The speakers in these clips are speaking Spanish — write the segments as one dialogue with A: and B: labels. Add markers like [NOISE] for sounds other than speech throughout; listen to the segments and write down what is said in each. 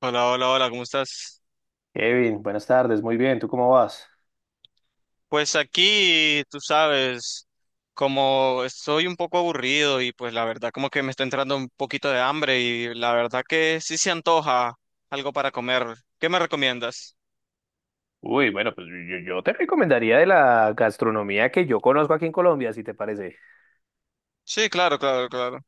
A: Hola, hola, hola, ¿cómo estás?
B: Kevin, buenas tardes, muy bien, ¿tú cómo vas?
A: Pues aquí, tú sabes, como estoy un poco aburrido y pues la verdad como que me está entrando un poquito de hambre y la verdad que sí se antoja algo para comer. ¿Qué me recomiendas?
B: Uy, bueno, pues yo te recomendaría de la gastronomía que yo conozco aquí en Colombia, si te parece.
A: Sí, claro, claro, claro.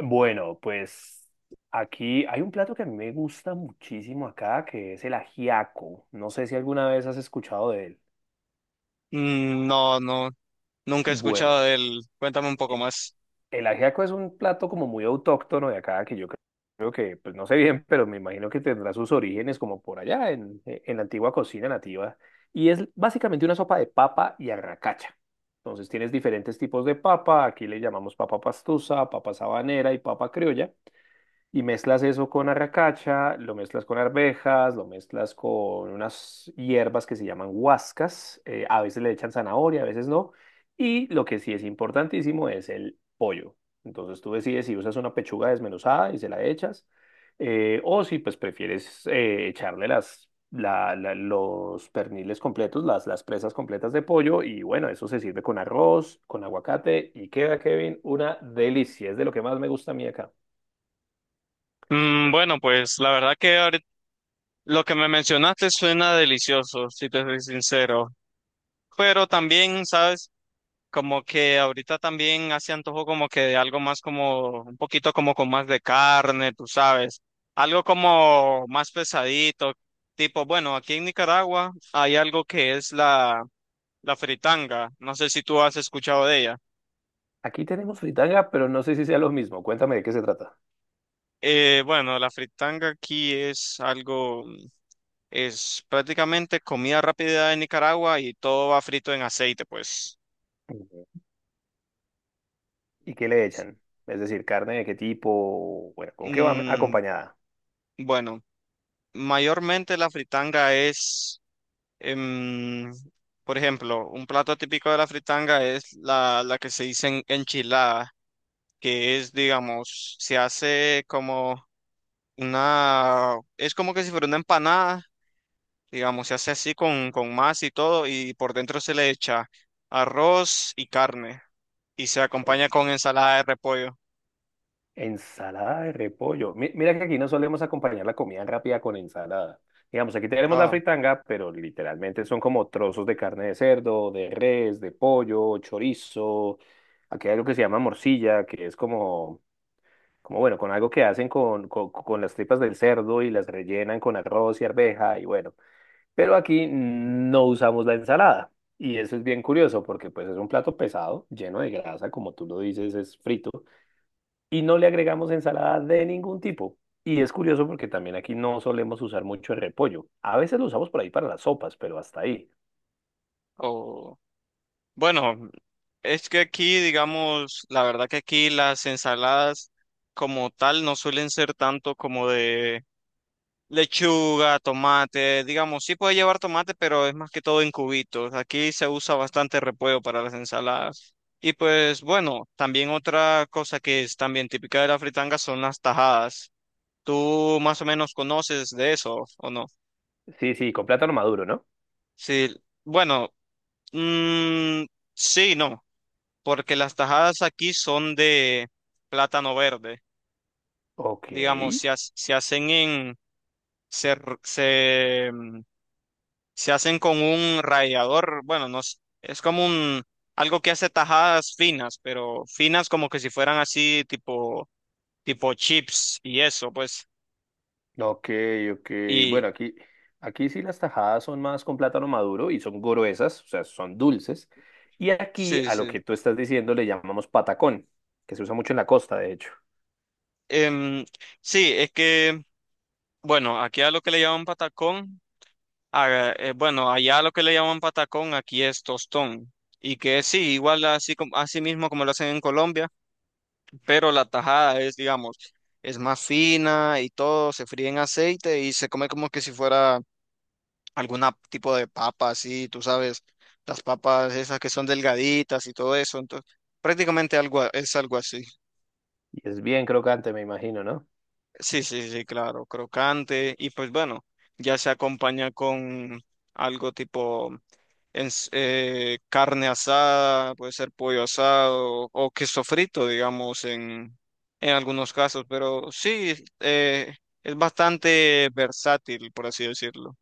B: Bueno, pues aquí hay un plato que a mí me gusta muchísimo acá, que es el ajiaco. No sé si alguna vez has escuchado de él.
A: Mm, no, no, nunca he escuchado
B: Bueno.
A: de él. Cuéntame un poco más.
B: El ajiaco es un plato como muy autóctono de acá, que creo que, pues no sé bien, pero me imagino que tendrá sus orígenes como por allá, en la antigua cocina nativa. Y es básicamente una sopa de papa y arracacha. Entonces tienes diferentes tipos de papa, aquí le llamamos papa pastusa, papa sabanera y papa criolla. Y mezclas eso con arracacha, lo mezclas con arvejas, lo mezclas con unas hierbas que se llaman huascas. A veces le echan zanahoria, a veces no. Y lo que sí es importantísimo es el pollo. Entonces tú decides si usas una pechuga desmenuzada y se la echas, o si pues prefieres echarle los perniles completos, las presas completas de pollo. Y bueno, eso se sirve con arroz, con aguacate y queda, Kevin, una delicia. Es de lo que más me gusta a mí acá.
A: Mm, bueno, pues la verdad que lo que me mencionaste suena delicioso, si te soy sincero. Pero también, ¿sabes? Como que ahorita también hace antojo como que de algo más como, un poquito como con más de carne, tú sabes, algo como más pesadito, tipo, bueno, aquí en Nicaragua hay algo que es la fritanga, no sé si tú has escuchado de ella.
B: Aquí tenemos fritanga, pero no sé si sea lo mismo. Cuéntame de qué se trata.
A: Bueno, la fritanga aquí es algo, es prácticamente comida rápida de Nicaragua y todo va frito en aceite, pues.
B: Ujú. ¿Y qué le echan? Es decir, carne de qué tipo, bueno, ¿con qué va
A: Mm,
B: acompañada?
A: bueno, mayormente la fritanga es... em, por ejemplo, un plato típico de la fritanga es la que se dice enchilada, que es, digamos, se hace como una, es como que si fuera una empanada, digamos, se hace así con masa y todo, y por dentro se le echa arroz y carne, y se
B: O-
A: acompaña con ensalada de repollo.
B: Ensalada de repollo. Mira que aquí no solemos acompañar la comida rápida con ensalada. Digamos, aquí tenemos la
A: Ah.
B: fritanga, pero literalmente son como trozos de carne de cerdo, de res, de pollo, chorizo. Aquí hay algo que se llama morcilla, que es como, como bueno, con algo que hacen con las tripas del cerdo y las rellenan con arroz y arveja y bueno. Pero aquí no usamos la ensalada. Y eso es bien curioso porque pues es un plato pesado, lleno de grasa, como tú lo dices, es frito. Y no le agregamos ensalada de ningún tipo. Y es curioso porque también aquí no solemos usar mucho el repollo. A veces lo usamos por ahí para las sopas, pero hasta ahí.
A: O, bueno, es que aquí, digamos, la verdad que aquí las ensaladas como tal no suelen ser tanto como de lechuga, tomate, digamos, sí puede llevar tomate, pero es más que todo en cubitos. Aquí se usa bastante repollo para las ensaladas. Y pues bueno, también otra cosa que es también típica de la fritanga son las tajadas. ¿Tú más o menos conoces de eso o no?
B: Sí, sí, con plátano maduro, ¿no?
A: Sí, bueno, mm, sí, no, porque las tajadas aquí son de plátano verde.
B: Ok.
A: Digamos, se hacen en, se, r- se se hacen con un rallador, bueno, no s- es como un algo que hace tajadas finas, pero finas como que si fueran así tipo tipo chips y eso, pues.
B: Ok, ok.
A: Y
B: Bueno, aquí sí las tajadas son más con plátano maduro y son gruesas, o sea, son dulces. Y aquí
A: sí,
B: a lo
A: sí.
B: que tú estás diciendo le llamamos patacón, que se usa mucho en la costa, de hecho.
A: Em, sí, es que bueno, aquí a lo que le llaman patacón, bueno, allá a lo que le llaman patacón, aquí es tostón. Y que sí, igual así como así mismo como lo hacen en Colombia, pero la tajada es, digamos, es más fina y todo, se fríe en aceite y se come como que si fuera algún tipo de papa así, tú sabes, las papas esas que son delgaditas y todo eso, entonces prácticamente es algo así.
B: Y es bien crocante, me imagino, ¿no?
A: Sí, sí, sí, claro, crocante y pues bueno, ya se acompaña con algo tipo carne asada, puede ser pollo asado o queso frito, digamos, en algunos casos, pero sí, es bastante versátil, por así decirlo.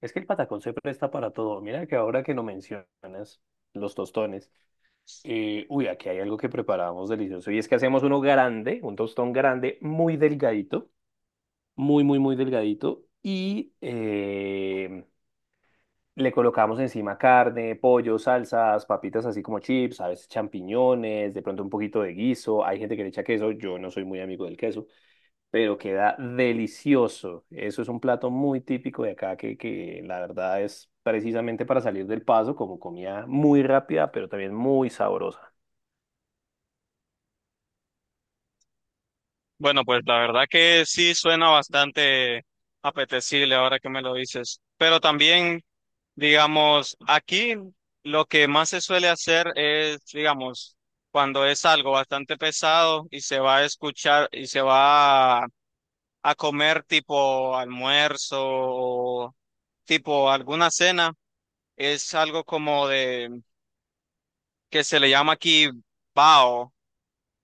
B: Es que el patacón se presta para todo. Mira que ahora que no mencionas los tostones, uy, aquí hay algo que preparamos delicioso. Y es que hacemos uno grande, un tostón grande, muy delgadito, muy, muy, muy delgadito. Y... Le colocamos encima carne, pollo, salsas, papitas así como chips, a veces champiñones, de pronto un poquito de guiso. Hay gente que le echa queso, yo no soy muy amigo del queso, pero queda delicioso. Eso es un plato muy típico de acá que la verdad es precisamente para salir del paso, como comida muy rápida, pero también muy sabrosa.
A: Bueno, pues la verdad que sí suena bastante apetecible ahora que me lo dices. Pero también, digamos, aquí lo que más se suele hacer es, digamos, cuando es algo bastante pesado y se va a escuchar y se va a comer tipo almuerzo o tipo alguna cena, es algo como de que se le llama aquí bao.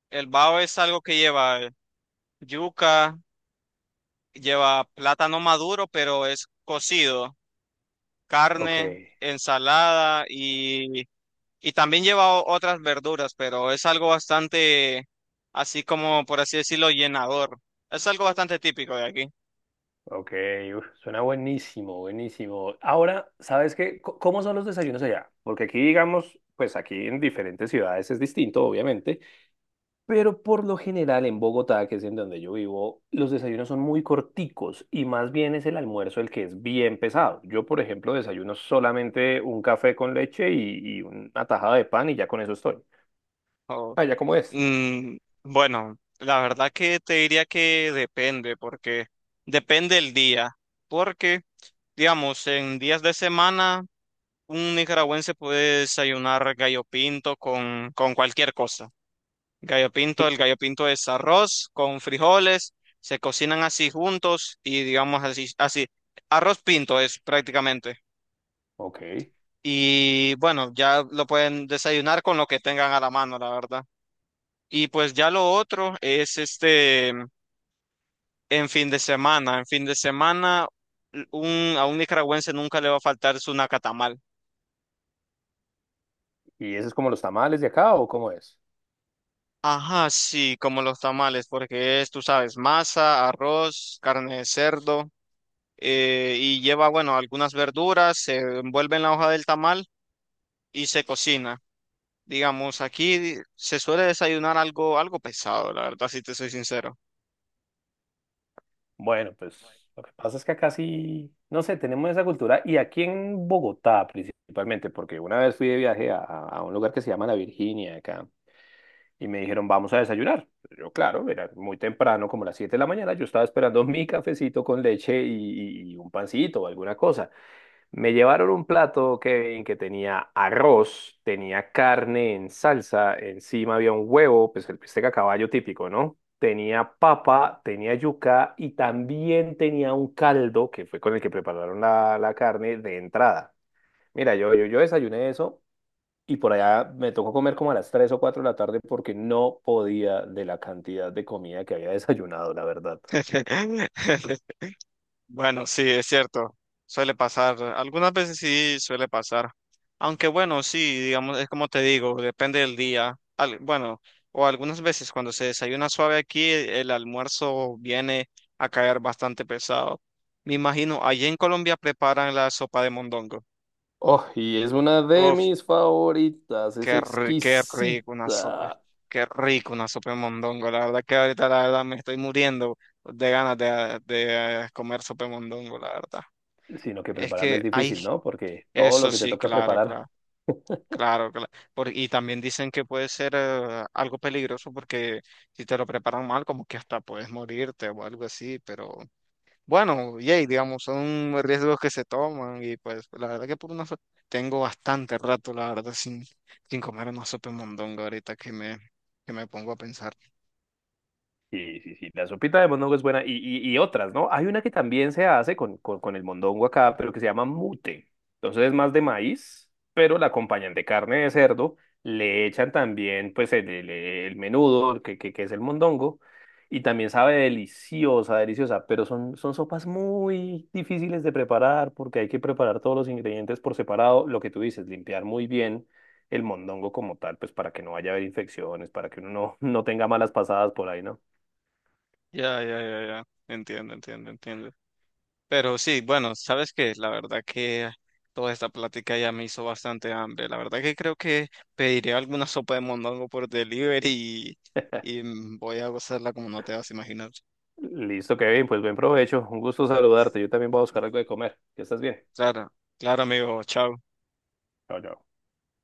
A: El bao es algo que lleva yuca. Lleva plátano maduro, pero es cocido,
B: Ok,
A: carne, ensalada y también lleva otras verduras, pero es algo bastante, así como por así decirlo, llenador. Es algo bastante típico de aquí.
B: ok, uf, suena buenísimo, buenísimo. Ahora, ¿sabes qué? ¿Cómo son los desayunos allá? Porque aquí, digamos, pues aquí en diferentes ciudades es distinto, obviamente. Pero por lo general en Bogotá, que es en donde yo vivo, los desayunos son muy corticos y más bien es el almuerzo el que es bien pesado. Yo, por ejemplo, desayuno solamente un café con leche y una tajada de pan y ya con eso estoy.
A: Oh,
B: Ah, ¿ya cómo es?
A: mm, bueno, la verdad que te diría que depende, porque depende el día, porque, digamos, en días de semana, un nicaragüense puede desayunar gallo pinto con cualquier cosa. Gallo pinto,
B: Sí.
A: el gallo pinto es arroz con frijoles, se cocinan así juntos y digamos así, así, arroz pinto es prácticamente.
B: Ok.
A: Y bueno, ya lo pueden desayunar con lo que tengan a la mano, la verdad. Y pues ya lo otro es este, en fin de semana, en fin de semana, un, a un nicaragüense nunca le va a faltar su nacatamal.
B: ¿Y eso es como los tamales de acá o cómo es?
A: Ajá, sí, como los tamales, porque es, tú sabes, masa, arroz, carne de cerdo. Y lleva, bueno, algunas verduras, se envuelve en la hoja del tamal y se cocina. Digamos, aquí se suele desayunar algo, algo pesado, la verdad, si te soy sincero.
B: Bueno, pues lo que pasa es que acá sí, no sé, tenemos esa cultura y aquí en Bogotá principalmente, porque una vez fui de viaje a un lugar que se llama La Virginia acá. Y me dijeron, vamos a desayunar. Yo, claro, era muy temprano, como las 7 de la mañana, yo estaba esperando mi cafecito con leche y un pancito o alguna cosa. Me llevaron un plato, Kevin, que tenía arroz, tenía carne en salsa, encima había un huevo, pues el bistec a caballo típico, ¿no? Tenía papa, tenía yuca y también tenía un caldo, que fue con el que prepararon la carne de entrada. Mira, yo desayuné eso y por allá me tocó comer como a las 3 o 4 de la tarde porque no podía de la cantidad de comida que había desayunado, la verdad.
A: [LAUGHS] Bueno, sí, es cierto. Suele pasar. Algunas veces sí suele pasar. Aunque bueno, sí, digamos, es como te digo, depende del día. Bueno, o algunas veces cuando se desayuna suave aquí, el almuerzo viene a caer bastante pesado. Me imagino, allí en Colombia preparan la sopa de mondongo.
B: Oh, y es una de
A: Uf,
B: mis favoritas, es
A: qué rico una sopa.
B: exquisita.
A: Qué rico una sopa de mondongo. La verdad que ahorita la verdad me estoy muriendo de ganas de, de comer sopa de mondongo, la verdad.
B: Sino que
A: Es
B: prepararla
A: que
B: es
A: hay
B: difícil, ¿no? Porque todo lo
A: eso
B: que te
A: sí,
B: toca
A: claro,
B: preparar.
A: claro, claro, claro. Y también dicen que puede ser algo peligroso porque si te lo preparan mal, como que hasta puedes morirte o algo así, pero bueno, yay, digamos, son riesgos que se toman y pues la verdad que tengo bastante rato, la verdad, sin, sin comer una sopa de mondongo ahorita que me pongo a pensar.
B: Sí, sí, sí, la sopita de mondongo es buena y otras, ¿no? Hay una que también se hace con el mondongo acá, pero que se llama mute. Entonces es más de maíz, pero la acompañan de carne de cerdo, le echan también pues el menudo, que es el mondongo, y también sabe deliciosa, deliciosa, pero son sopas muy difíciles de preparar porque hay que preparar todos los ingredientes por separado, lo que tú dices, limpiar muy bien el mondongo como tal, pues para que no vaya a haber infecciones, para que uno no, [LAUGHS] no tenga malas pasadas por ahí, ¿no?
A: Ya, ya, ya, ya. Entiendo, entiendo, entiendo. Pero sí, bueno, sabes que la verdad que toda esta plática ya me hizo bastante hambre. La verdad que creo que pediré alguna sopa de mondongo por delivery y
B: [LAUGHS]
A: voy a gozarla como no te vas a imaginar.
B: Listo, Kevin, pues buen provecho. Un gusto saludarte. Yo también voy a buscar algo de comer. Que estés bien.
A: Claro, claro, amigo, chao.
B: Chao, chao.